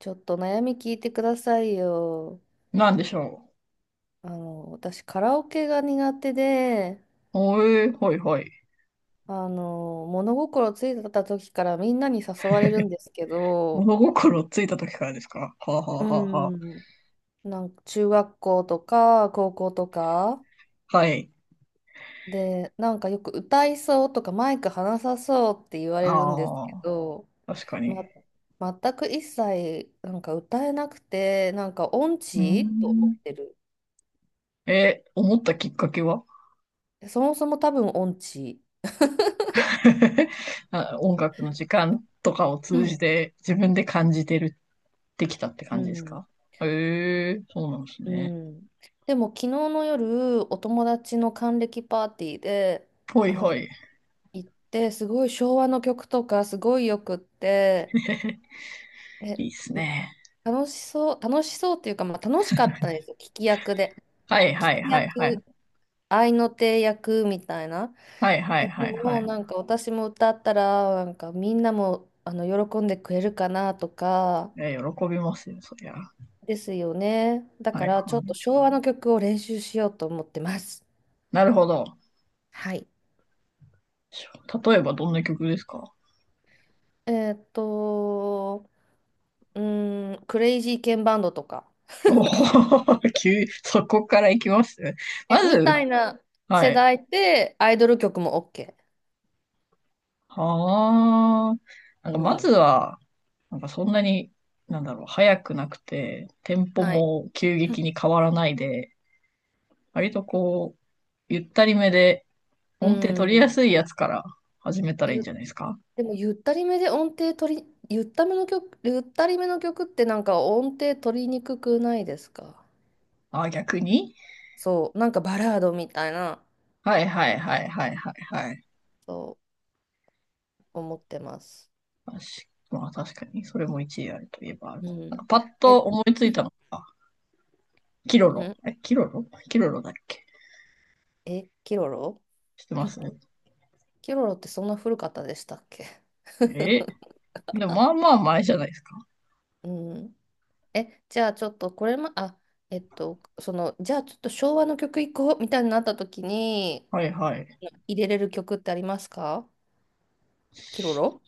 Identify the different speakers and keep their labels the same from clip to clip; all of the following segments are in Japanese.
Speaker 1: ちょっと悩み聞いてくださいよ。
Speaker 2: なんでしょ
Speaker 1: 私カラオケが苦手で、
Speaker 2: う。おえー、ほいほい。
Speaker 1: 物心ついた時からみんなに誘われるんですけど、
Speaker 2: 物心ついた時からですか？はあ、は
Speaker 1: う
Speaker 2: あはあは
Speaker 1: ん、なんか中学校とか高校とか
Speaker 2: あ、はい。
Speaker 1: で、なんかよく歌いそうとかマイク離さそうって言われるんです
Speaker 2: あ
Speaker 1: け
Speaker 2: あ、
Speaker 1: ど、
Speaker 2: 確かに。
Speaker 1: ま、全く一切なんか歌えなくて、なんか音
Speaker 2: うー
Speaker 1: 痴と思
Speaker 2: ん。
Speaker 1: ってる。
Speaker 2: え、思ったきっかけは？
Speaker 1: そもそも多分音痴。
Speaker 2: あ、音楽の時間とかを
Speaker 1: う
Speaker 2: 通じ
Speaker 1: ん。
Speaker 2: て自分で感じてるってきたって
Speaker 1: う
Speaker 2: 感じです
Speaker 1: ん
Speaker 2: か？へえ、そうなんです
Speaker 1: う
Speaker 2: ね。
Speaker 1: ん。でも昨日の夜、お友達の還暦パーティーで、
Speaker 2: ほい
Speaker 1: あ
Speaker 2: ほ
Speaker 1: の、
Speaker 2: い。
Speaker 1: 行って、すごい昭和の曲とかすごいよくって、え、
Speaker 2: いいっす
Speaker 1: うん、
Speaker 2: ね。
Speaker 1: 楽しそう、楽しそうっていうか、まあ、楽しかったんですよ、聞き役で。
Speaker 2: はい
Speaker 1: 聞
Speaker 2: はい
Speaker 1: き
Speaker 2: はいはい。
Speaker 1: 役、合いの手役みたいな。
Speaker 2: はいはい
Speaker 1: え、で
Speaker 2: はいは
Speaker 1: も
Speaker 2: い。
Speaker 1: なんか私も歌ったら、なんかみんなも喜んでくれるかなとか、
Speaker 2: え、喜びますよ、そりゃ。は
Speaker 1: ですよね。だ
Speaker 2: い
Speaker 1: か
Speaker 2: は
Speaker 1: らちょっと
Speaker 2: い。
Speaker 1: 昭和の曲を練習しようと思ってます。
Speaker 2: なるほど。
Speaker 1: はい。
Speaker 2: 例えばどんな曲ですか？
Speaker 1: えーっと、うーん、クレイジーケンバンドとか。
Speaker 2: おお、そこから行きますま
Speaker 1: え、み
Speaker 2: ず、
Speaker 1: たいな
Speaker 2: は
Speaker 1: 世
Speaker 2: い。
Speaker 1: 代でアイドル曲も OK。
Speaker 2: はあ。なんか、
Speaker 1: う
Speaker 2: まず
Speaker 1: ん。
Speaker 2: は、なんかそんなに、なんだろう、早くなくて、テンポ
Speaker 1: はい。
Speaker 2: も急激 に変わらないで、割とこう、ゆったりめで、
Speaker 1: う
Speaker 2: 音程取りや
Speaker 1: ん。
Speaker 2: すいやつから始めたらいいんじ
Speaker 1: ゆ、
Speaker 2: ゃないですか？
Speaker 1: でも、ゆったりめで音程取り、ゆっための曲、ゆったりめの曲ってなんか音程取りにくくないですか？
Speaker 2: あ、逆に。
Speaker 1: そう、なんかバラードみたいな、
Speaker 2: はいはいはいはいはいはい。
Speaker 1: そう思ってます。
Speaker 2: 確まあ確かに、それも一理あるといえばある。
Speaker 1: う
Speaker 2: なん
Speaker 1: ん。
Speaker 2: かパッ
Speaker 1: え、
Speaker 2: と思いつい たのが、キロ
Speaker 1: う
Speaker 2: ロ。
Speaker 1: ん、
Speaker 2: え、キロロだっけ？
Speaker 1: え、キロロ
Speaker 2: してますね。
Speaker 1: キロロってそんな古かったでしたっけ？
Speaker 2: え、でもまあまあ前じゃないですか。
Speaker 1: うん。え、じゃあちょっとこれも、あ、じゃあちょっと昭和の曲いこうみたいになった時に
Speaker 2: はいはい。
Speaker 1: 入れれる曲ってありますか？キロロ。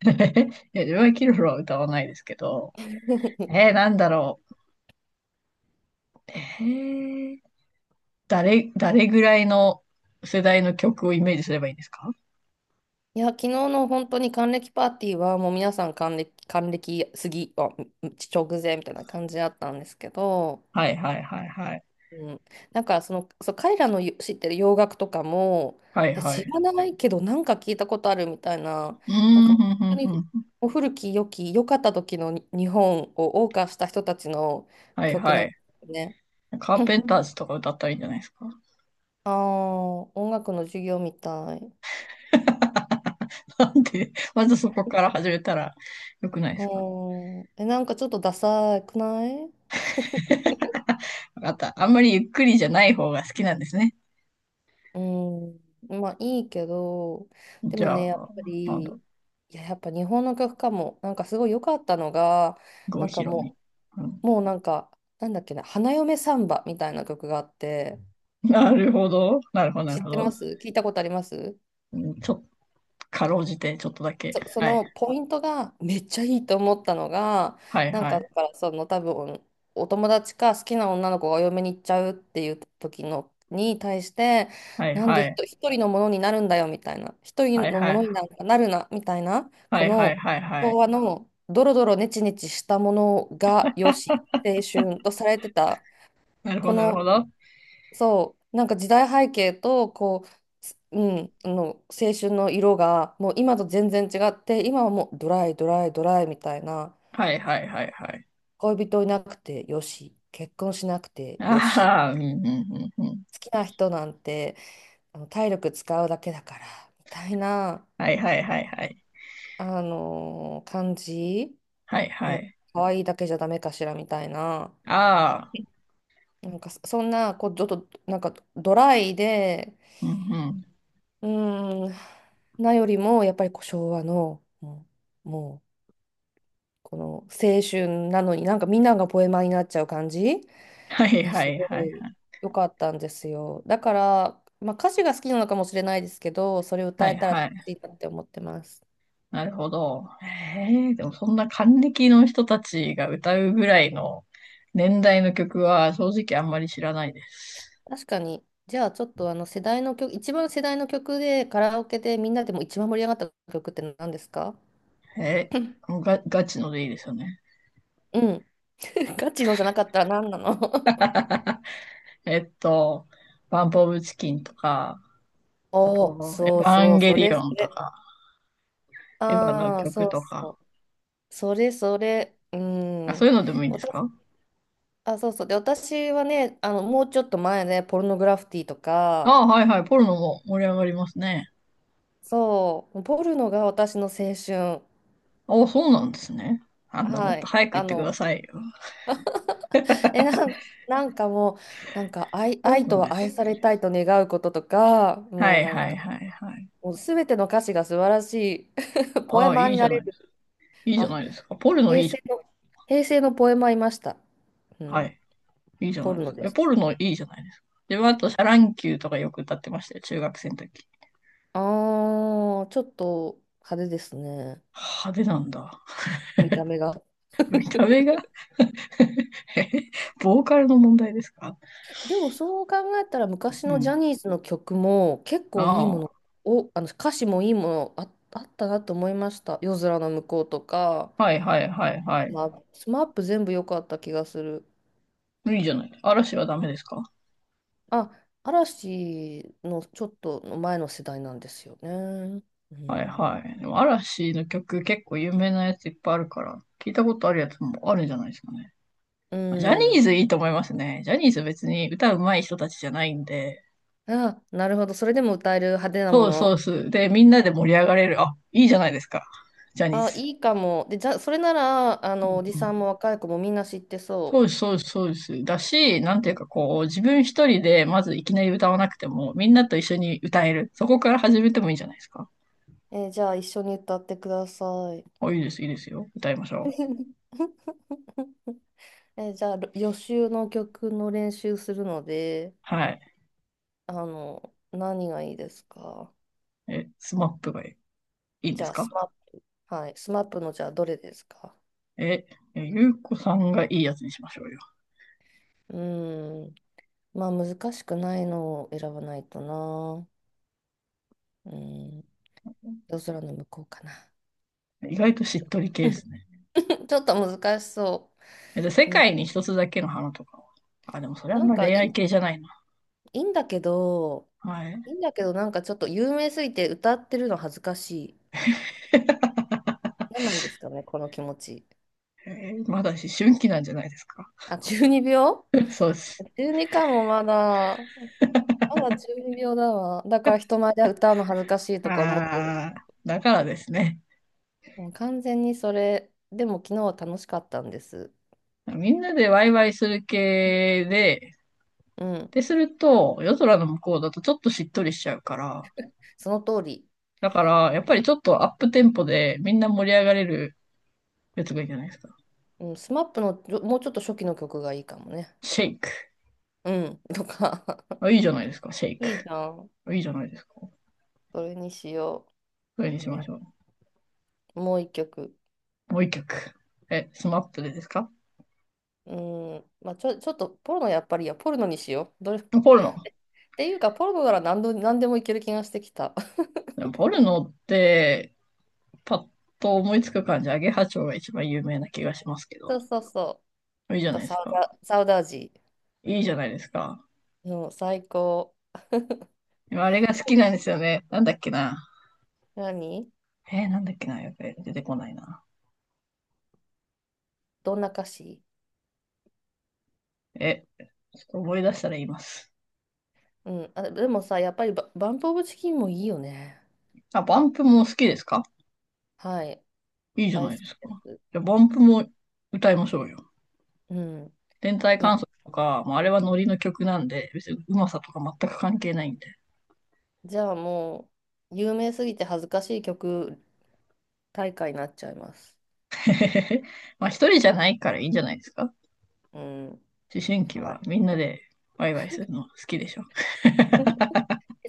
Speaker 2: いや、自分はキルフは歌わないですけど、なんだろう。ー、誰ぐらいの世代の曲をイメージすればいいんですか？
Speaker 1: いや、昨日の本当に還暦パーティーはもう皆さん還暦、還暦過ぎ、あ、直前みたいな感じだったんですけど、
Speaker 2: はいはいはいはい。
Speaker 1: うん、なんかそう、彼らのよ知ってる洋楽とかも、
Speaker 2: はい
Speaker 1: え
Speaker 2: は
Speaker 1: 知
Speaker 2: い。
Speaker 1: らないけどなんか聞いたことあるみたいな、
Speaker 2: うー
Speaker 1: なんか
Speaker 2: ん、
Speaker 1: 本
Speaker 2: ふんふ
Speaker 1: 当
Speaker 2: ん
Speaker 1: に
Speaker 2: ふん。
Speaker 1: もう古き良き良かった時のに日本を謳歌した人たちの
Speaker 2: はい
Speaker 1: 曲な
Speaker 2: は
Speaker 1: んで
Speaker 2: い。
Speaker 1: すね。
Speaker 2: カーペ ンター ズとか歌ったらいいんじゃないですか？
Speaker 1: ああ、音楽の授業みたい。
Speaker 2: なんで、まずそこから始めたらよくないですか？
Speaker 1: うん、え、なんかちょっとダサくない？
Speaker 2: わかった。あんまりゆっくりじゃない方が好きなんですね。
Speaker 1: うん、まあいいけど、で
Speaker 2: じ
Speaker 1: も
Speaker 2: ゃ
Speaker 1: ね、やっ
Speaker 2: あ、
Speaker 1: ぱ
Speaker 2: なんだ
Speaker 1: り、
Speaker 2: ろ
Speaker 1: い
Speaker 2: う。
Speaker 1: や、やっぱ日本の曲かも、なんかすごい良かったのが、
Speaker 2: 郷
Speaker 1: なん
Speaker 2: ひ
Speaker 1: か
Speaker 2: ろみ。
Speaker 1: も
Speaker 2: うん。
Speaker 1: うもうなんか、なんだっけな、花嫁サンバみたいな曲があって、
Speaker 2: なるほど。なるほど、なる
Speaker 1: 知っ
Speaker 2: ほ
Speaker 1: て
Speaker 2: ど。
Speaker 1: ます？聞いたことあります？
Speaker 2: うん、ちょっと、かろうじて、ちょっとだけ。
Speaker 1: そ
Speaker 2: はい。
Speaker 1: のポイントがめっちゃいいと思ったのが、
Speaker 2: はい、
Speaker 1: なん
Speaker 2: は
Speaker 1: か、
Speaker 2: い。
Speaker 1: だから多分、お友達か好きな女の子がお嫁に行っちゃうっていう時のに対して、
Speaker 2: はい、
Speaker 1: なんで
Speaker 2: はい。
Speaker 1: 一人のものになるんだよみたいな、一
Speaker 2: は
Speaker 1: 人
Speaker 2: い、
Speaker 1: の
Speaker 2: は
Speaker 1: ものに
Speaker 2: い。
Speaker 1: なんかなるなみたいな、
Speaker 2: は
Speaker 1: こ
Speaker 2: い、はい、
Speaker 1: の
Speaker 2: はい、は
Speaker 1: 昭
Speaker 2: い。
Speaker 1: 和のドロドロネチネチしたものがよし、青春とされてた、
Speaker 2: なるほ
Speaker 1: こ
Speaker 2: ど、なるほ
Speaker 1: の、
Speaker 2: ど。
Speaker 1: そう、なんか時代背景とこう、すうん、あの青春の色がもう今と全然違って、今はもうドライドライドライみたいな、
Speaker 2: はい、はい、はい、はい。
Speaker 1: 恋人いなくてよし、結婚しなくてよし、
Speaker 2: ああ、うん、うん、うん、うん。
Speaker 1: 好きな人なんて体力使うだけだからみたいな、
Speaker 2: はい、はい、はい、はい。
Speaker 1: あのー感じ、
Speaker 2: はい、は
Speaker 1: もう
Speaker 2: い。
Speaker 1: 可愛いだけじゃダメかしらみたいな、
Speaker 2: ああ、
Speaker 1: なんかそんなこうちょっとなんかドライで、
Speaker 2: うん、うん。
Speaker 1: うーん、よりも、やっぱりこう昭和の、もう、この青春なのに、なんかみんながポエマーになっちゃう感じ、
Speaker 2: はい、
Speaker 1: ね、
Speaker 2: は
Speaker 1: す
Speaker 2: い、は
Speaker 1: ごい
Speaker 2: い。
Speaker 1: 良かったんですよ。だから、まあ、歌詞が好きなのかもしれないですけど、それを
Speaker 2: は
Speaker 1: 歌え
Speaker 2: い、
Speaker 1: たら
Speaker 2: は
Speaker 1: 楽
Speaker 2: い。
Speaker 1: しいなって思ってます。
Speaker 2: なるほど。ええ、でもそんな還暦の人たちが歌うぐらいの年代の曲は正直あんまり知らないです。
Speaker 1: 確かに、じゃあちょっとあの世代の曲、一番世代の曲でカラオケでみんなでも一番盛り上がった曲って何ですか？
Speaker 2: え もうガチのでいいですよね。
Speaker 1: うん。ガチのじゃなかったら何なの？
Speaker 2: えっと、バンプオブチキンとか、あ
Speaker 1: おお、
Speaker 2: と、エ
Speaker 1: そ
Speaker 2: ヴ
Speaker 1: う
Speaker 2: ァ
Speaker 1: そ
Speaker 2: ン
Speaker 1: う、
Speaker 2: ゲ
Speaker 1: そ
Speaker 2: リ
Speaker 1: れそ
Speaker 2: オンと
Speaker 1: れ。
Speaker 2: か、エヴァの
Speaker 1: ああ、そ
Speaker 2: 曲
Speaker 1: う
Speaker 2: とか、
Speaker 1: そう。それそれ。う
Speaker 2: あ、そ
Speaker 1: ん。
Speaker 2: ういうのでもいいんです
Speaker 1: 私、
Speaker 2: か？
Speaker 1: あ、そうそう。で、私はね、もうちょっと前ね、ポルノグラフィティとか、
Speaker 2: ああ、はいはい、ポルノも盛り上がりますね。
Speaker 1: そう、ポルノが私の青春。
Speaker 2: ああ、そうなんですね。あんなも
Speaker 1: は
Speaker 2: っと
Speaker 1: い。
Speaker 2: 早く言ってくださいよ。
Speaker 1: え、なんかもう、なんか
Speaker 2: ポル
Speaker 1: 愛
Speaker 2: ノ
Speaker 1: と
Speaker 2: は
Speaker 1: は愛
Speaker 2: 知っ
Speaker 1: さ
Speaker 2: て
Speaker 1: れ
Speaker 2: る。
Speaker 1: たいと願うこととか、
Speaker 2: は
Speaker 1: もう
Speaker 2: い
Speaker 1: なん
Speaker 2: はい
Speaker 1: か、
Speaker 2: はいはい。
Speaker 1: もうすべての歌詞が素晴らしい。ポ
Speaker 2: あ
Speaker 1: エ
Speaker 2: あ、
Speaker 1: マー
Speaker 2: いい
Speaker 1: に
Speaker 2: じゃ
Speaker 1: な
Speaker 2: な
Speaker 1: れ
Speaker 2: いで
Speaker 1: る。
Speaker 2: すか。いいじゃ
Speaker 1: あ、
Speaker 2: ないですか。ポルノ
Speaker 1: 平
Speaker 2: いいじ
Speaker 1: 成の、平成のポエマーいました。う
Speaker 2: ゃん。は
Speaker 1: ん。
Speaker 2: い。いいじゃ
Speaker 1: ポ
Speaker 2: ない
Speaker 1: ル
Speaker 2: です
Speaker 1: ノ
Speaker 2: か。
Speaker 1: で
Speaker 2: え、
Speaker 1: した。
Speaker 2: ポルノいいじゃないですか。で、あと、シャ乱 Q とかよく歌ってましたよ。中学生の時。
Speaker 1: ああ、ちょっと派手ですね。
Speaker 2: 派手なんだ。
Speaker 1: 見た目が。
Speaker 2: 見た目が。 ボーカルの問題ですか？
Speaker 1: でもそう考えたら昔
Speaker 2: う
Speaker 1: のジ
Speaker 2: ん。
Speaker 1: ャニーズの曲も結構いいも
Speaker 2: あ
Speaker 1: のを、あの歌詞もいいものあったなと思いました。夜空の向こうとか、
Speaker 2: あ、はいはいはいはい。
Speaker 1: まあ、スマップ全部良かった気がする。
Speaker 2: いいじゃない。嵐はダメですか？
Speaker 1: あ、嵐のちょっと前の世代なんですよね。う
Speaker 2: はい
Speaker 1: ん。
Speaker 2: はい。でも嵐の曲結構有名なやついっぱいあるから、聞いたことあるやつもあるんじゃないですかね。
Speaker 1: う
Speaker 2: ジャニ
Speaker 1: ん。
Speaker 2: ーズいいと思いますね。ジャニーズ別に歌うまい人たちじゃないんで、
Speaker 1: あ、なるほど。それでも歌える派手なも
Speaker 2: そうそう
Speaker 1: の。
Speaker 2: そう。で、みんなで盛り上がれる。あ、いいじゃないですか。ジャニー
Speaker 1: あ、
Speaker 2: ズ。
Speaker 1: いいかも。で、じゃそれなら、
Speaker 2: う
Speaker 1: おじ
Speaker 2: んう
Speaker 1: さんも
Speaker 2: ん。
Speaker 1: 若い子もみんな知って
Speaker 2: そう
Speaker 1: そ
Speaker 2: です、そうです、そうです。だし、なんていうかこう、自分一人でまずいきなり歌わなくても、みんなと一緒に歌える。そこから始めてもいいんじゃないですか。
Speaker 1: う。えーじゃあ、一緒に歌ってください。
Speaker 2: あ、いいです、いいですよ。歌いましょう。
Speaker 1: えーじゃあ、予習の曲の練習するので、
Speaker 2: はい。
Speaker 1: 何がいいですか？
Speaker 2: え、スマップがいいん
Speaker 1: じ
Speaker 2: で
Speaker 1: ゃ
Speaker 2: す
Speaker 1: あ、
Speaker 2: か？
Speaker 1: スマップ、はい、スマップの、じゃあ、どれですか？
Speaker 2: え、えゆうこさんがいいやつにしましょうよ。
Speaker 1: うーん、まあ、難しくないのを選ばないとな。うーん、夜空の向こうかな。
Speaker 2: 意外としっとり 系ですね。
Speaker 1: ちょっと難しそ
Speaker 2: え、で、世
Speaker 1: う。うん、
Speaker 2: 界に一つだけの花とか。あ、でもそれはあ
Speaker 1: な
Speaker 2: ん
Speaker 1: ん
Speaker 2: ま
Speaker 1: かい
Speaker 2: 恋愛
Speaker 1: い、
Speaker 2: 系じゃないな。
Speaker 1: いいんだけど、
Speaker 2: はい。
Speaker 1: いいんだけど、なんかちょっと有名すぎて歌ってるの恥ずかしい。何なんですかね、この気持ち。
Speaker 2: えまだ思春期なんじゃないですか。
Speaker 1: あ、12
Speaker 2: そうです。
Speaker 1: 秒 12 かもまだ。まだ12秒だわ。だから人前で歌うの恥ずかしいとか思ってる。
Speaker 2: あー、だからですね。
Speaker 1: もう完全にそれ。でも昨日は楽しかったんです。
Speaker 2: みんなでワイワイする系で、
Speaker 1: うん。
Speaker 2: で、すると、夜空の向こうだとちょっとしっとりしちゃうから、
Speaker 1: その通り。
Speaker 2: だから、やっぱりちょっとアップテンポでみんな盛り上がれるやつがいいんじゃないですか。
Speaker 1: うん、スマップのもうちょっと初期の曲がいいかもね。
Speaker 2: シェイク。
Speaker 1: うん。とか。
Speaker 2: あ、いいじゃないですか、シェ イク。
Speaker 1: いいじゃん。
Speaker 2: あ、いいじゃないですか。
Speaker 1: それにしよ
Speaker 2: それに
Speaker 1: う。
Speaker 2: しま
Speaker 1: う
Speaker 2: しょ
Speaker 1: ん、もう一曲。
Speaker 2: う。もう一曲。え、スマップでですか？
Speaker 1: うーん、まあ、ちょっとポルノ、やっぱりいや、ポルノにしよう。どれ っ
Speaker 2: ポルノ。
Speaker 1: ていうか、ポルノなら何でもいける気がしてきた。
Speaker 2: でもポルノって、パッと思いつく感じ、アゲハチョウが一番有名な気がしますけど。
Speaker 1: そうそうそ
Speaker 2: いいじゃな
Speaker 1: う。
Speaker 2: いですか。
Speaker 1: サウダージ
Speaker 2: いいじゃないですか。
Speaker 1: の最高。で
Speaker 2: あれが好きな
Speaker 1: も、
Speaker 2: んですよね。なんだっけな。
Speaker 1: 何
Speaker 2: なんだっけな、やべえ、出てこないな。
Speaker 1: どんな歌詞？
Speaker 2: え、ちょっと思い出したら言います。
Speaker 1: うん。あ、でもさ、やっぱりバンプ・オブ・チキンもいいよね。
Speaker 2: あ、バンプも好きですか？
Speaker 1: はい。
Speaker 2: いいじゃ
Speaker 1: 大
Speaker 2: ない
Speaker 1: 好き
Speaker 2: ですか。
Speaker 1: です。
Speaker 2: じゃあ、バンプも歌いましょうよ。
Speaker 1: うん。
Speaker 2: 天体
Speaker 1: な、
Speaker 2: 観測とか、まあ、あれはノリの曲なんで、別にうまさとか全く関係ないんで。
Speaker 1: じゃあもう、有名すぎて恥ずかしい曲大会になっちゃいます。
Speaker 2: まあ、一人じゃないからいいんじゃないですか？
Speaker 1: うん。
Speaker 2: 思春期
Speaker 1: は
Speaker 2: は
Speaker 1: い。
Speaker 2: みんなでワイワイするの好きでしょ。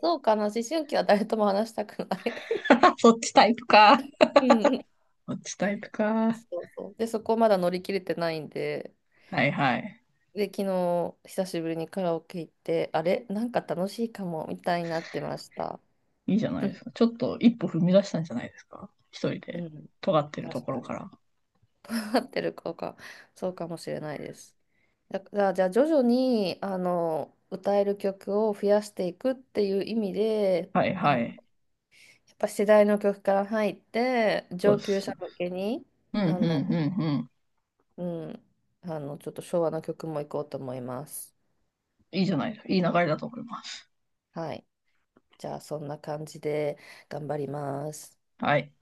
Speaker 1: そうかな、思春期は誰とも話したくない。
Speaker 2: そっちタイプか。
Speaker 1: うんうん。
Speaker 2: そっちタイプか。
Speaker 1: そうそう。で、そこまだ乗り切れてないんで、
Speaker 2: はいはい。
Speaker 1: で、昨日、久しぶりにカラオケ行って、あれなんか楽しいかも、みたいになってました。
Speaker 2: いいじゃないで すか。ちょっと一歩踏み出したんじゃないですか。一人
Speaker 1: う
Speaker 2: で
Speaker 1: ん、
Speaker 2: 尖ってると
Speaker 1: 確
Speaker 2: こ
Speaker 1: か
Speaker 2: ろか
Speaker 1: に。
Speaker 2: ら。
Speaker 1: 合ってるか、そうかもしれないです。だじゃあ、じゃあ徐々に、歌える曲を増やしていくっていう意味で、
Speaker 2: はい
Speaker 1: あ
Speaker 2: は
Speaker 1: の
Speaker 2: い。
Speaker 1: やっぱ世代の曲から入って、
Speaker 2: そう
Speaker 1: 上
Speaker 2: で
Speaker 1: 級
Speaker 2: す。
Speaker 1: 者向けに、
Speaker 2: うん、うん、
Speaker 1: あ
Speaker 2: う
Speaker 1: の、
Speaker 2: ん、うん。
Speaker 1: うん、ちょっと昭和の曲も行こうと思います。
Speaker 2: いいじゃない。いい流れだと思います。
Speaker 1: はい。じゃあそんな感じで頑張ります。
Speaker 2: はい。